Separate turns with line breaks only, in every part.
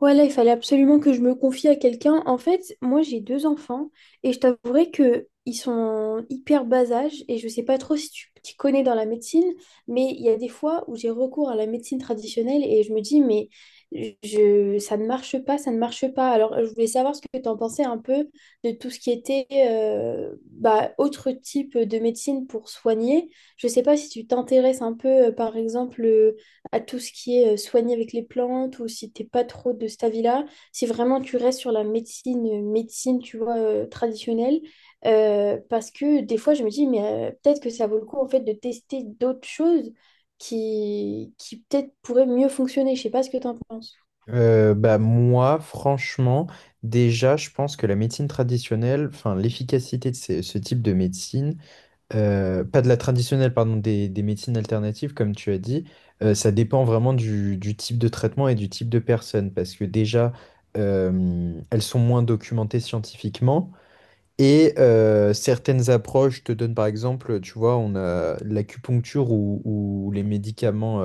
Ouais, là, il fallait absolument que je me confie à quelqu'un. En fait, moi, j'ai deux enfants et je t'avouerai que ils sont hyper bas âge et je sais pas trop si tu t'y connais dans la médecine, mais il y a des fois où j'ai recours à la médecine traditionnelle et je me dis, mais je, ça ne marche pas, ça ne marche pas. Alors, je voulais savoir ce que tu en pensais un peu de tout ce qui était bah, autre type de médecine pour soigner. Je sais pas si tu t'intéresses un peu, par exemple à tout ce qui est soigner avec les plantes ou si t'es pas trop de cet avis-là, si vraiment tu restes sur la médecine, médecine, tu vois, traditionnelle, parce que des fois, je me dis, mais peut-être que ça vaut le coup, en fait, de tester d'autres choses qui peut-être pourraient mieux fonctionner. Je sais pas ce que t'en penses.
Bah moi, franchement, déjà, je pense que la médecine traditionnelle, enfin l'efficacité de ce type de médecine, pas de la traditionnelle, pardon, des médecines alternatives, comme tu as dit, ça dépend vraiment du type de traitement et du type de personne, parce que déjà, elles sont moins documentées scientifiquement. Et certaines approches te donnent, par exemple, tu vois, on a l'acupuncture ou les médicaments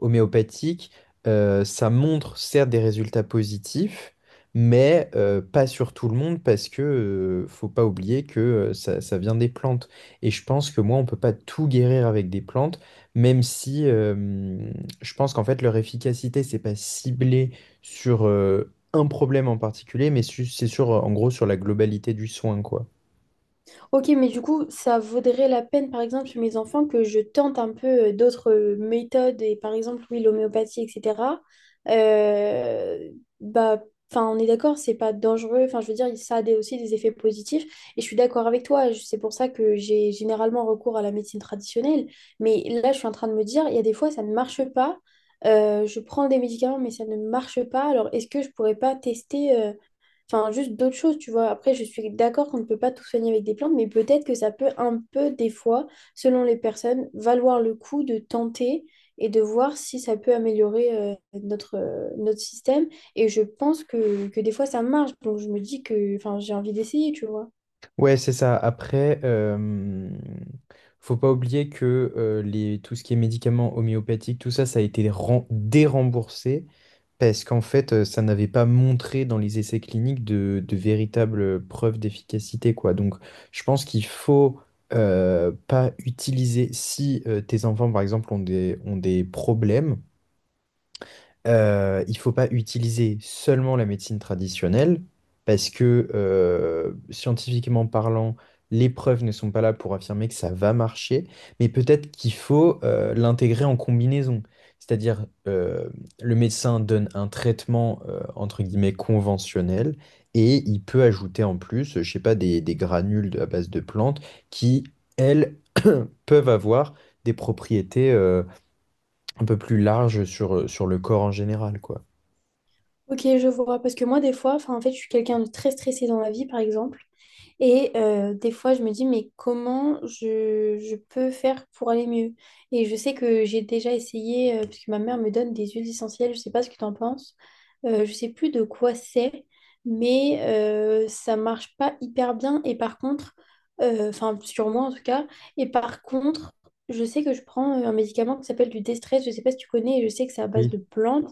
homéopathique, ça montre certes des résultats positifs, mais pas sur tout le monde parce que faut pas oublier que ça vient des plantes. Et je pense que moi, on peut pas tout guérir avec des plantes, même si je pense qu'en fait leur efficacité, c'est pas ciblé sur un problème en particulier, mais c'est sur, en gros sur la globalité du soin, quoi.
Ok, mais du coup, ça vaudrait la peine, par exemple, sur mes enfants, que je tente un peu d'autres méthodes, et par exemple, oui, l'homéopathie, etc. Euh, bah, enfin, on est d'accord, c'est pas dangereux. Enfin, je veux dire, ça a des- aussi des effets positifs. Et je suis d'accord avec toi. C'est pour ça que j'ai généralement recours à la médecine traditionnelle. Mais là, je suis en train de me dire, il y a des fois, ça ne marche pas. Je prends des médicaments, mais ça ne marche pas. Alors, est-ce que je pourrais pas tester Enfin, juste d'autres choses, tu vois. Après, je suis d'accord qu'on ne peut pas tout soigner avec des plantes, mais peut-être que ça peut un peu, des fois, selon les personnes, valoir le coup de tenter et de voir si ça peut améliorer notre, notre système. Et je pense que des fois, ça marche. Donc, je me dis que, enfin, j'ai envie d'essayer, tu vois.
Ouais, c'est ça. Après, faut pas oublier que tout ce qui est médicaments homéopathiques, tout ça, ça a été déremboursé parce qu'en fait, ça n'avait pas montré dans les essais cliniques de véritables preuves d'efficacité, quoi. Donc, je pense qu'il faut pas utiliser si tes enfants, par exemple, ont ont des problèmes, il faut pas utiliser seulement la médecine traditionnelle parce que scientifiquement parlant, les preuves ne sont pas là pour affirmer que ça va marcher, mais peut-être qu'il faut l'intégrer en combinaison. C'est-à-dire, le médecin donne un traitement entre guillemets conventionnel et il peut ajouter en plus, je sais pas, des à base de plantes qui, elles, peuvent avoir des propriétés un peu plus larges sur, sur le corps en général, quoi.
Ok, je vois. Parce que moi, des fois, enfin, en fait, je suis quelqu'un de très stressé dans la vie, par exemple. Et des fois, je me dis, mais comment je peux faire pour aller mieux? Et je sais que j'ai déjà essayé, parce que ma mère me donne des huiles essentielles, je sais pas ce que tu en penses. Je sais plus de quoi c'est, mais ça marche pas hyper bien. Et par contre, enfin, sur moi en tout cas, et par contre, je sais que je prends un médicament qui s'appelle du déstress, je sais pas si tu connais, et je sais que c'est à base de
Oui.
plantes.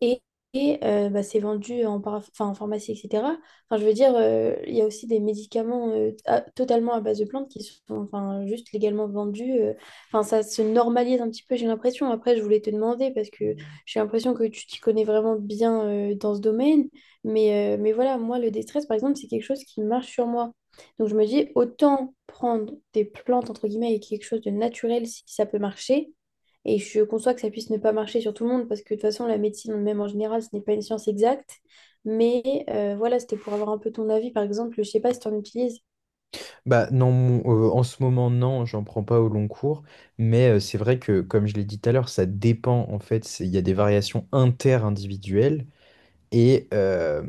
Et, et, c'est vendu en, enfin, en pharmacie, etc. Enfin, je veux dire, il y a aussi des médicaments totalement à base de plantes qui sont enfin, juste légalement vendus. Enfin, ça se normalise un petit peu, j'ai l'impression. Après, je voulais te demander parce que j'ai l'impression que tu t'y connais vraiment bien dans ce domaine. Mais voilà, moi, le déstress, par exemple, c'est quelque chose qui marche sur moi. Donc, je me dis, autant prendre des plantes, entre guillemets, et quelque chose de naturel si ça peut marcher et je conçois que ça puisse ne pas marcher sur tout le monde parce que de toute façon, la médecine, même en général, ce n'est pas une science exacte. Mais voilà, c'était pour avoir un peu ton avis, par exemple. Je ne sais pas si tu en utilises.
Bah non, en ce moment, non, j'en prends pas au long cours, mais c'est vrai que, comme je l'ai dit tout à l'heure, ça dépend en fait, il y a des variations inter-individuelles. Et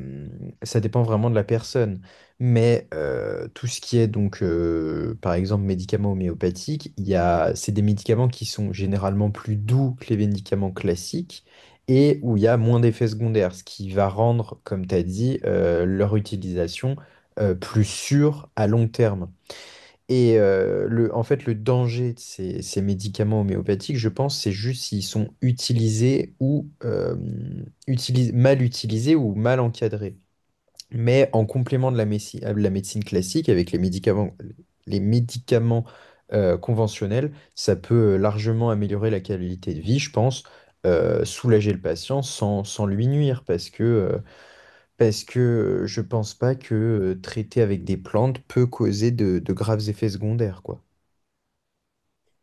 ça dépend vraiment de la personne. Mais tout ce qui est donc, par exemple, médicaments homéopathiques, c'est des médicaments qui sont généralement plus doux que les médicaments classiques et où il y a moins d'effets secondaires, ce qui va rendre, comme tu as dit, leur utilisation plus sûre à long terme. Et en fait, le danger de ces, ces médicaments homéopathiques, je pense, c'est juste s'ils sont utilisés ou mal utilisés ou mal encadrés. Mais en complément de de la médecine classique, avec les médicaments conventionnels, ça peut largement améliorer la qualité de vie, je pense, soulager le patient sans, sans lui nuire, parce que je pense pas que traiter avec des plantes peut causer de graves effets secondaires, quoi.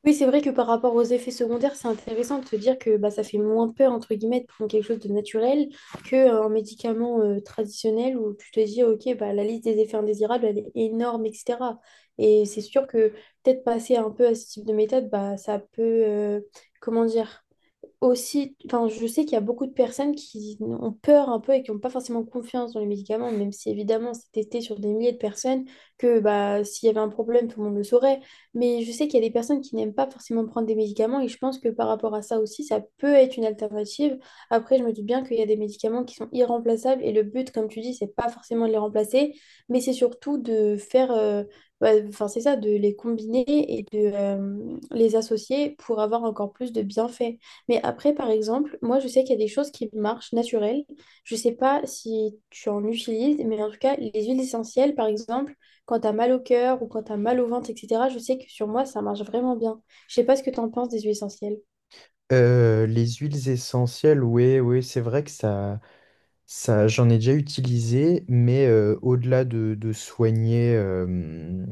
Oui, c'est vrai que par rapport aux effets secondaires, c'est intéressant de se dire que bah, ça fait moins peur, entre guillemets, de prendre quelque chose de naturel qu'un médicament traditionnel où tu te dis, OK, bah, la liste des effets indésirables, elle est énorme, etc. Et c'est sûr que peut-être passer un peu à ce type de méthode, bah, ça peut, comment dire, aussi, enfin, je sais qu'il y a beaucoup de personnes qui ont peur un peu et qui n'ont pas forcément confiance dans les médicaments, même si évidemment c'est testé sur des milliers de personnes, que bah, s'il y avait un problème, tout le monde le saurait. Mais je sais qu'il y a des personnes qui n'aiment pas forcément prendre des médicaments et je pense que par rapport à ça aussi, ça peut être une alternative. Après, je me doute bien qu'il y a des médicaments qui sont irremplaçables et le but, comme tu dis, c'est pas forcément de les remplacer, mais c'est surtout de faire... bah, enfin, c'est ça, de les combiner et de les associer pour avoir encore plus de bienfaits. Mais après, par exemple, moi, je sais qu'il y a des choses qui marchent naturelles. Je sais pas si tu en utilises, mais en tout cas, les huiles essentielles, par exemple, quand tu as mal au cœur ou quand tu as mal au ventre, etc., je sais que sur moi, ça marche vraiment bien. Je sais pas ce que tu en penses des huiles essentielles.
Les huiles essentielles, oui, oui, c'est vrai que j'en ai déjà utilisé, mais au-delà de soigner,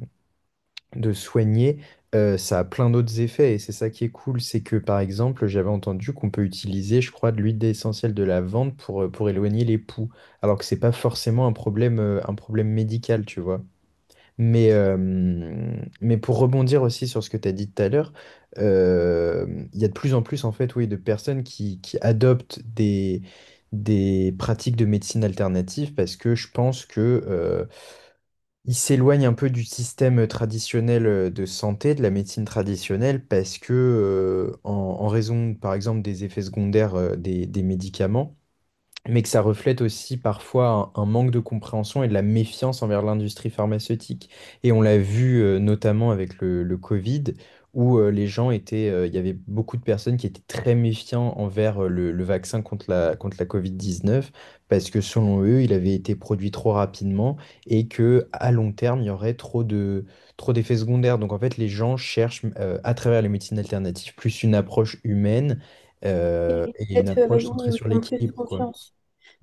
de soigner, ça a plein d'autres effets et c'est ça qui est cool, c'est que par exemple, j'avais entendu qu'on peut utiliser, je crois, de l'huile essentielle de lavande pour éloigner les poux, alors que c'est pas forcément un problème médical, tu vois. Mais, euh, mais pour rebondir aussi sur ce que tu as dit tout à l'heure, euh, il y a de plus en plus en fait, oui, de personnes qui adoptent des pratiques de médecine alternative parce que je pense que ils s'éloignent un peu du système traditionnel de santé, de la médecine traditionnelle, parce que en raison, par exemple, des effets secondaires des médicaments mais que ça reflète aussi parfois un manque de compréhension et de la méfiance envers l'industrie pharmaceutique. Et on l'a vu notamment avec le Covid, où les gens étaient, il y avait beaucoup de personnes qui étaient très méfiants envers le vaccin contre contre la Covid-19, parce que selon eux, il avait été produit trop rapidement et que à long terme, il y aurait trop d'effets secondaires. Donc en fait, les gens cherchent à travers les médecines alternatives plus une approche humaine
Et
et une
peut-être
approche
avec oui,
centrée
oui,
sur
ils ont plus
l'équilibre, quoi.
confiance.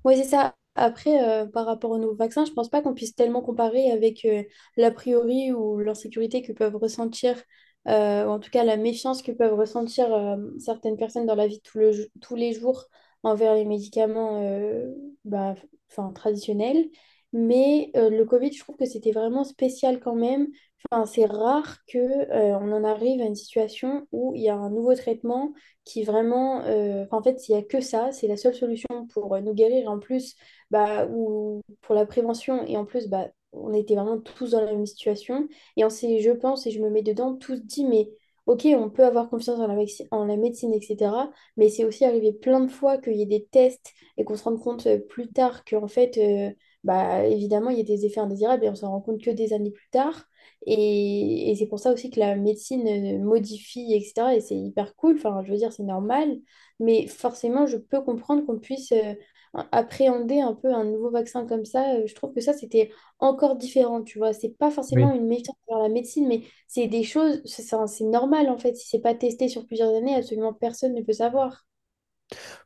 Oui, c'est ça. Après, par rapport aux nouveaux vaccins, je pense pas qu'on puisse tellement comparer avec l'a priori ou l'insécurité que peuvent ressentir, ou en tout cas la méfiance que peuvent ressentir certaines personnes dans la vie de tout le, tous les jours envers les médicaments bah, enfin, traditionnels. Mais le Covid, je trouve que c'était vraiment spécial quand même. Enfin, c'est rare que, on en arrive à une situation où il y a un nouveau traitement qui vraiment, enfin, en fait, il n'y a que ça, c'est la seule solution pour nous guérir en plus, bah, ou pour la prévention. Et en plus, bah, on était vraiment tous dans la même situation. Et on s'est, je pense, et je me mets dedans, tous dit, mais ok, on peut avoir confiance en la, en la médecine, etc. Mais c'est aussi arrivé plein de fois qu'il y ait des tests et qu'on se rende compte plus tard qu'en fait, bah, évidemment, il y a des effets indésirables et on s'en rend compte que des années plus tard. Et c'est pour ça aussi que la médecine modifie, etc. Et c'est hyper cool, enfin, je veux dire, c'est normal. Mais forcément, je peux comprendre qu'on puisse appréhender un peu un nouveau vaccin comme ça. Je trouve que ça, c'était encore différent, tu vois. C'est pas
Oui.
forcément une méfiance vers la médecine, mais c'est des choses, c'est normal en fait. Si c'est pas testé sur plusieurs années, absolument personne ne peut savoir.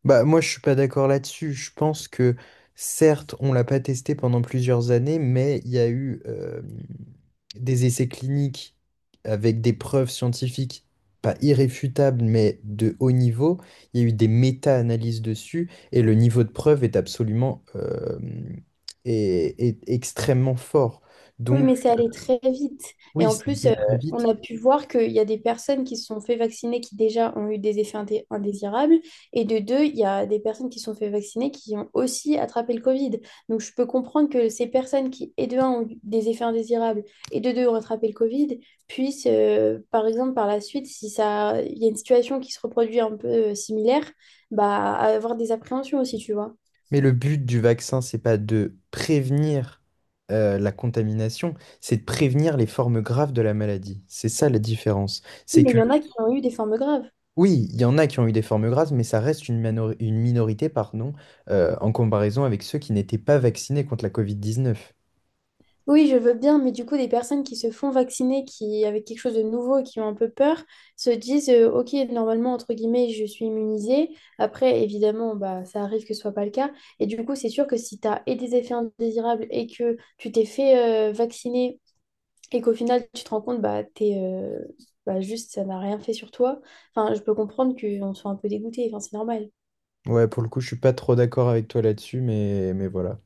Bah, moi, je suis pas d'accord là-dessus. Je pense que, certes, on l'a pas testé pendant plusieurs années, mais il y a eu des essais cliniques avec des preuves scientifiques, pas irréfutables, mais de haut niveau. Il y a eu des méta-analyses dessus, et le niveau de preuve est absolument est extrêmement fort.
Oui, mais c'est
Donc,
allé très vite. Et
oui,
en
ça a
plus,
été
euh,
très vite.
on a pu voir qu'il y a des personnes qui se sont fait vacciner qui déjà ont eu des effets indésirables. Et de deux, il y a des personnes qui se sont fait vacciner qui ont aussi attrapé le Covid. Donc, je peux comprendre que ces personnes qui, et de un, ont eu des effets indésirables et de deux, ont attrapé le Covid, puissent, par exemple, par la suite, si ça, il y a une situation qui se reproduit un peu similaire, bah, avoir des appréhensions aussi, tu vois.
Mais le but du vaccin, c'est pas de prévenir la contamination, c'est de prévenir les formes graves de la maladie. C'est ça la différence. C'est
Mais il
que,
y en a qui ont eu des formes graves.
oui, il y en a qui ont eu des formes graves, mais ça reste une minorité, pardon, en comparaison avec ceux qui n'étaient pas vaccinés contre la Covid-19.
Oui, je veux bien, mais du coup, des personnes qui se font vacciner, qui avec quelque chose de nouveau et qui ont un peu peur, se disent Ok, normalement, entre guillemets, je suis immunisée. Après, évidemment, bah, ça arrive que ce soit pas le cas. Et du coup, c'est sûr que si tu as et des effets indésirables et que tu t'es fait vacciner et qu'au final, tu te rends compte, bah, t'es, bah, juste, ça n'a rien fait sur toi. Enfin, je peux comprendre qu'on soit un peu dégoûté. Enfin, c'est normal.
Ouais, pour le coup, je suis pas trop d'accord avec toi là-dessus, mais voilà.